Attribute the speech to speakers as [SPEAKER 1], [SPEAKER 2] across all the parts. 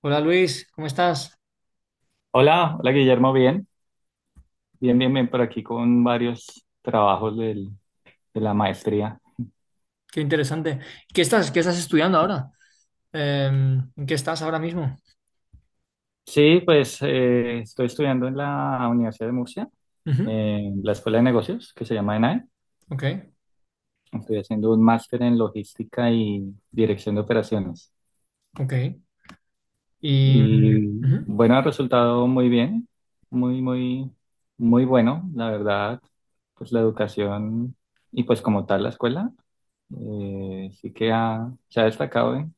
[SPEAKER 1] Hola Luis, ¿cómo estás?
[SPEAKER 2] Hola, hola Guillermo, bien, bien, bien, bien por aquí con varios trabajos de la maestría.
[SPEAKER 1] Qué interesante. ¿Qué estás estudiando ahora? Eh, ¿En qué estás ahora mismo?
[SPEAKER 2] Sí, pues estoy estudiando en la Universidad de Murcia,
[SPEAKER 1] Ujú.
[SPEAKER 2] en la Escuela de Negocios, que se llama ENAE.
[SPEAKER 1] Ok,
[SPEAKER 2] Estoy haciendo un máster en logística y dirección de operaciones.
[SPEAKER 1] ok. Y
[SPEAKER 2] Y
[SPEAKER 1] ujú.
[SPEAKER 2] bueno, ha resultado muy bien, muy, muy, muy bueno, la verdad, pues la educación y pues como tal la escuela. Sí que se ha destacado en,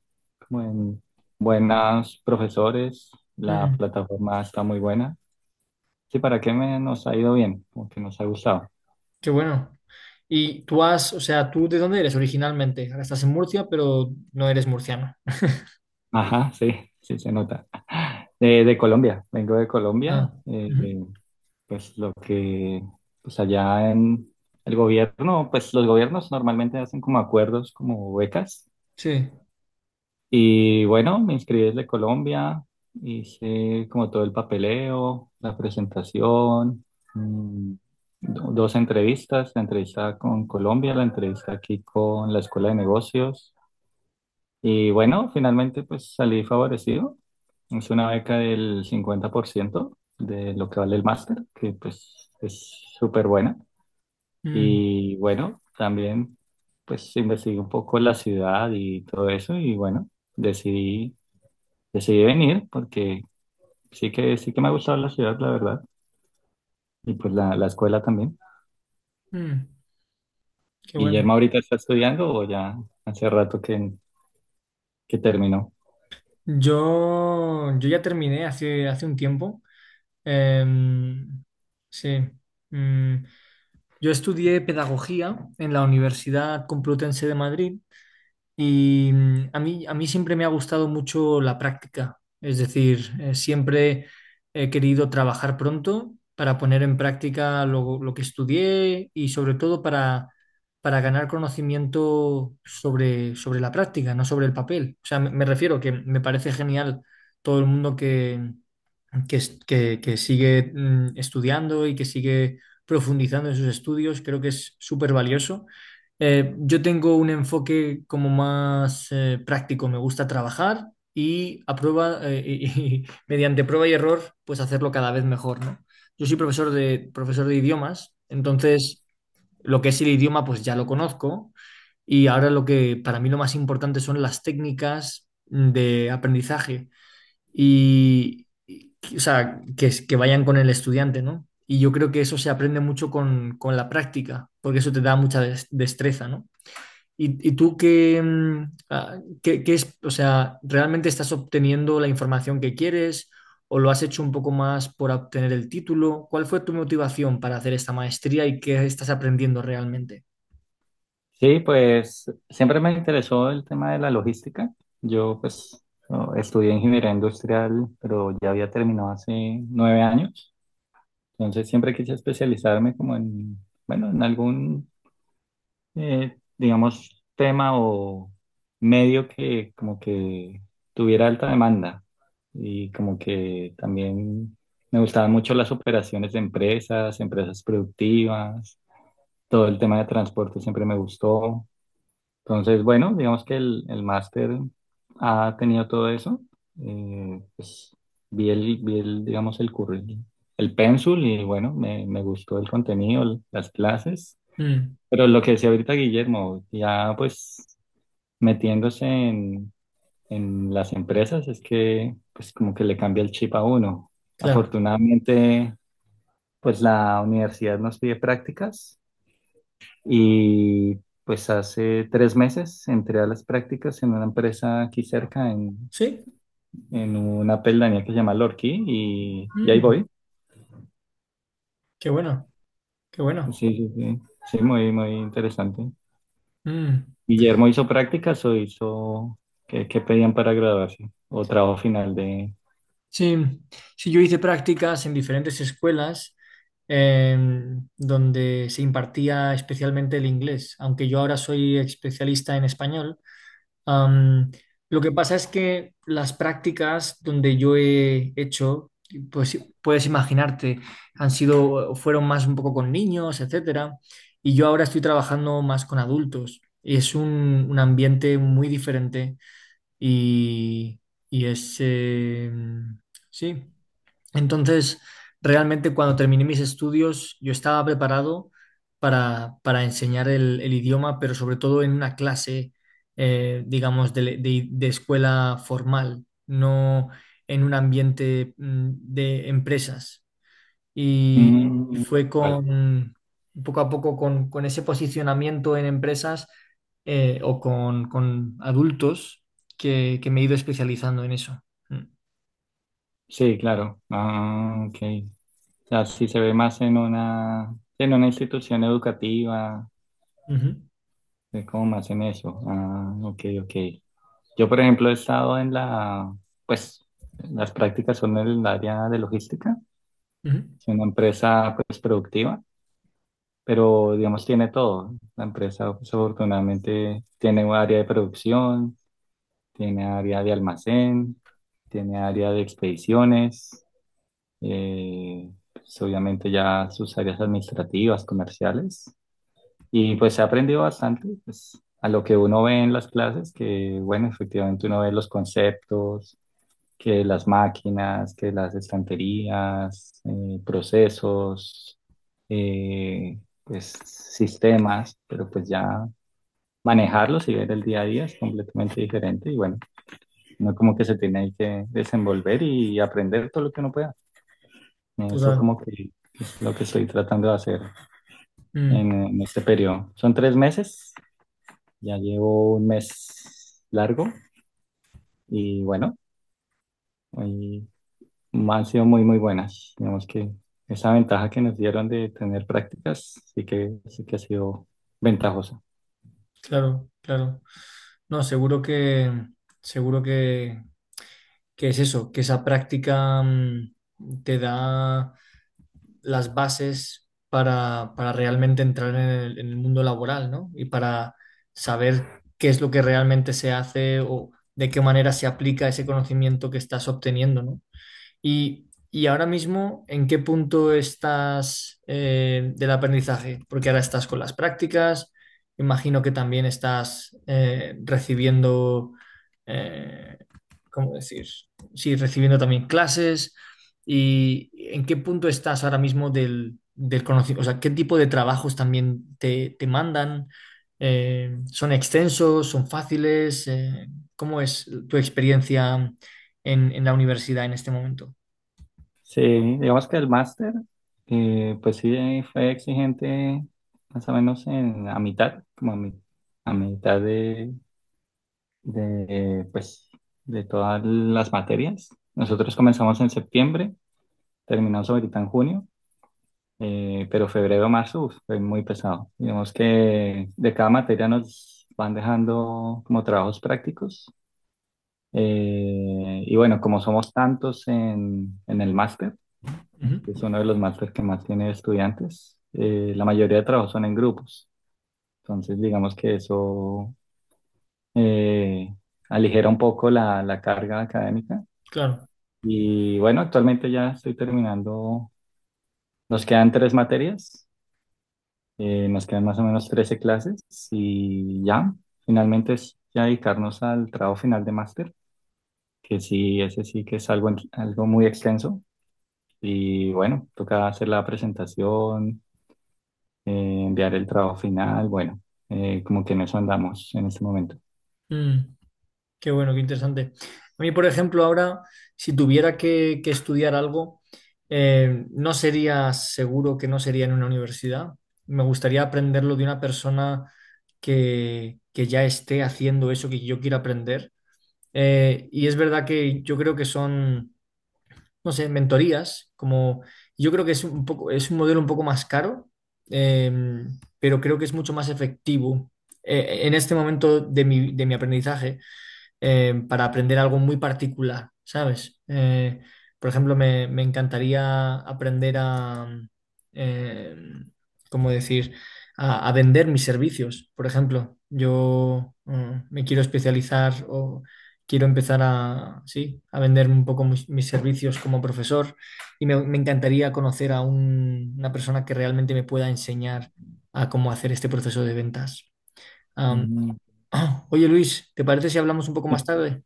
[SPEAKER 2] como en buenos profesores, la
[SPEAKER 1] Mm,
[SPEAKER 2] plataforma está muy buena. Sí, ¿para qué me, nos ha ido bien? Como que nos ha gustado.
[SPEAKER 1] qué bueno. O sea, ¿tú de dónde eres originalmente? Ahora estás en Murcia, pero no eres murciano.
[SPEAKER 2] Ajá, sí, sí se nota. De Colombia, vengo de Colombia.
[SPEAKER 1] Ah, ujú.
[SPEAKER 2] Pues pues allá en el gobierno, pues los gobiernos normalmente hacen como acuerdos, como becas.
[SPEAKER 1] Sí.
[SPEAKER 2] Y bueno, me inscribí desde Colombia, hice como todo el papeleo, la presentación, mm, dos entrevistas, la entrevista con Colombia, la entrevista aquí con la Escuela de Negocios. Y bueno, finalmente pues salí favorecido. Es una beca del 50% de lo que vale el máster, que pues es súper buena.
[SPEAKER 1] Mm.
[SPEAKER 2] Y bueno, también pues investigué un poco la ciudad y todo eso y bueno, decidí venir porque sí que me ha gustado la ciudad, la verdad, y pues la escuela también.
[SPEAKER 1] Mm, qué bueno.
[SPEAKER 2] ¿Guillermo ahorita está estudiando o ya hace rato que, terminó?
[SPEAKER 1] Yo ya terminé hace un tiempo. Em, sí. Mm. Yo estudié pedagogía en la Universidad Complutense de Madrid y a mí siempre me ha gustado mucho la práctica, es decir, siempre he querido trabajar pronto para poner en práctica lo que estudié y sobre todo para ganar conocimiento sobre la práctica, no sobre el papel. O sea, me refiero que me parece genial todo el mundo que sigue estudiando y que sigue profundizando en sus estudios, creo que es súper valioso. Yo tengo un enfoque como más práctico, me gusta trabajar y a prueba, y mediante prueba y error, pues hacerlo cada vez mejor, ¿no? Yo soy profesor de idiomas, entonces lo que es el idioma pues ya lo conozco, y ahora lo que para mí lo más importante son las técnicas de aprendizaje y- o sea, que, es- que vayan con el estudiante, ¿no? Y yo creo que eso se aprende mucho con la práctica, porque eso te da mucha destreza, ¿no? Y tú qué, mm, ah, qué- qué es, o sea, realmente estás obteniendo la información que quieres o lo has hecho un poco más por obtener el título? ¿Cuál fue tu motivación para hacer esta maestría y qué estás aprendiendo realmente?
[SPEAKER 2] Sí, pues siempre me interesó el tema de la logística. Yo pues no, estudié ingeniería industrial, pero ya había terminado hace 9 años. Entonces siempre quise especializarme como en, bueno, en algún digamos, tema o medio que como que tuviera alta demanda y como que también me gustaban mucho las operaciones de empresas, empresas productivas, todo el tema de transporte siempre me gustó. Entonces, bueno, digamos que el máster ha tenido todo eso. Pues vi el, digamos, el currículum, el pénsul y bueno, me gustó el contenido, las clases.
[SPEAKER 1] Mm,
[SPEAKER 2] Pero lo que decía ahorita Guillermo, ya pues metiéndose en las empresas es que pues como que le cambia el chip a uno.
[SPEAKER 1] claro.
[SPEAKER 2] Afortunadamente pues la universidad nos pide prácticas y pues hace 3 meses entré a las prácticas en una empresa aquí cerca,
[SPEAKER 1] Sí.
[SPEAKER 2] en una pedanía que se llama Lorquí y ahí
[SPEAKER 1] Mm,
[SPEAKER 2] voy.
[SPEAKER 1] qué bueno, qué
[SPEAKER 2] Sí,
[SPEAKER 1] bueno.
[SPEAKER 2] sí, sí, sí, muy, muy interesante.
[SPEAKER 1] Mm.
[SPEAKER 2] Guillermo hizo prácticas o hizo qué, pedían para graduarse o trabajo final de.
[SPEAKER 1] Sí, sí, yo hice prácticas en diferentes escuelas, donde se impartía especialmente el inglés, aunque yo ahora soy especialista en español. Am, lo que pasa es que las prácticas donde yo he hecho, pues puedes imaginarte, fueron más un poco con niños, etcétera, y yo ahora estoy trabajando más con adultos. Y es un ambiente muy diferente y, y sí, entonces, realmente cuando terminé mis estudios, yo estaba preparado para enseñar el idioma, pero sobre todo en una clase, digamos, de escuela formal, no en un ambiente de empresas. Y, y
[SPEAKER 2] Mm,
[SPEAKER 1] fue
[SPEAKER 2] vale.
[SPEAKER 1] con, poco a poco, con ese posicionamiento en empresas, o con adultos que me he ido especializando en eso. Mm.
[SPEAKER 2] Sí, claro. Ah, ok. O sea, sí se ve más en una institución educativa,
[SPEAKER 1] Ujú,
[SPEAKER 2] es como más en eso. Ah, ok, ok. Yo, por ejemplo, he estado en la, pues, las prácticas son en el área de logística,
[SPEAKER 1] ujú,
[SPEAKER 2] es una empresa pues productiva, pero digamos tiene todo. La empresa, pues, afortunadamente, tiene un área de producción, tiene área de almacén, tiene área de expediciones, pues, obviamente ya sus áreas administrativas, comerciales. Y pues se ha aprendido bastante, pues, a lo que uno ve en las clases, que bueno, efectivamente uno ve los conceptos, que las máquinas, que las estanterías, procesos, pues sistemas, pero pues ya manejarlos y ver el día a día es completamente diferente y bueno, no como que se tiene ahí que desenvolver y aprender todo lo que uno pueda. Eso
[SPEAKER 1] total.
[SPEAKER 2] como que es lo que estoy tratando de hacer en,
[SPEAKER 1] Mm.
[SPEAKER 2] este periodo. Son tres meses, ya llevo un mes largo y bueno, hoy han sido muy, muy buenas. Digamos que esa ventaja que nos dieron de tener prácticas sí que ha sido ventajosa.
[SPEAKER 1] Claro, claro. No, seguro que es eso, que esa práctica te da las bases para realmente entrar en el mundo laboral, ¿no? Y para saber qué es lo que realmente se hace o de qué manera se aplica ese conocimiento que estás obteniendo, ¿no? Y ahora mismo, ¿en qué punto estás del aprendizaje? Porque ahora estás con las prácticas, imagino que también estás recibiendo, eh, ¿cómo decir? Sí, recibiendo también clases. ¿Y en qué punto estás ahora mismo del conocimiento? O sea, ¿qué tipo de trabajos también te mandan? ¿Son extensos? ¿Son fáciles? ¿Cómo es tu experiencia en la universidad en este momento?
[SPEAKER 2] Sí, digamos que el máster, pues sí fue exigente más o menos en, a mitad, como a, a mitad de, pues, de todas las materias. Nosotros comenzamos en septiembre, terminamos ahorita en junio, pero febrero, marzo, uf, fue muy pesado. Digamos que de cada materia nos van dejando como trabajos prácticos. Y bueno, como somos tantos en el máster,
[SPEAKER 1] Ujú.
[SPEAKER 2] este es uno de los másteres que más tiene estudiantes, la mayoría de trabajos son en grupos. Entonces, digamos que eso eh, aligera un poco la carga académica.
[SPEAKER 1] Claro.
[SPEAKER 2] Y bueno, actualmente ya estoy terminando. Nos quedan tres materias, nos quedan más o menos 13 clases y ya, finalmente es ya dedicarnos al trabajo final de máster, que sí, ese sí que es algo, algo muy extenso. Y bueno, toca hacer la presentación, enviar el trabajo final, bueno, como que en eso andamos en este momento.
[SPEAKER 1] Mm, qué bueno, qué interesante. A mí, por ejemplo, ahora, si tuviera que estudiar algo, no sería, seguro que no sería en una universidad. Me gustaría aprenderlo de una persona que ya esté haciendo eso que yo quiero aprender. Y es verdad que yo creo que son... no sé, mentorías, como yo creo que es un poco, es un modelo un poco más caro, eh, pero creo que es mucho más efectivo. En este momento de mi aprendizaje, para aprender algo muy particular, ¿sabes? Por ejemplo, me encantaría aprender eh, ¿cómo decir? A vender mis servicios, por ejemplo. Yo me quiero especializar o quiero empezar a, sí, a vender un poco mis servicios como profesor y me encantaría conocer a una persona que realmente me pueda enseñar a cómo hacer este proceso de ventas. Am,
[SPEAKER 2] Mm,
[SPEAKER 1] oye Luis, ¿te parece si hablamos un poco más
[SPEAKER 2] sí.
[SPEAKER 1] tarde?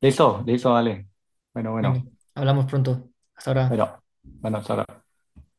[SPEAKER 2] Listo, listo, vale. Bueno,
[SPEAKER 1] Venga,
[SPEAKER 2] bueno,
[SPEAKER 1] hablamos pronto. Hasta ahora.
[SPEAKER 2] bueno, bueno, hasta ahora.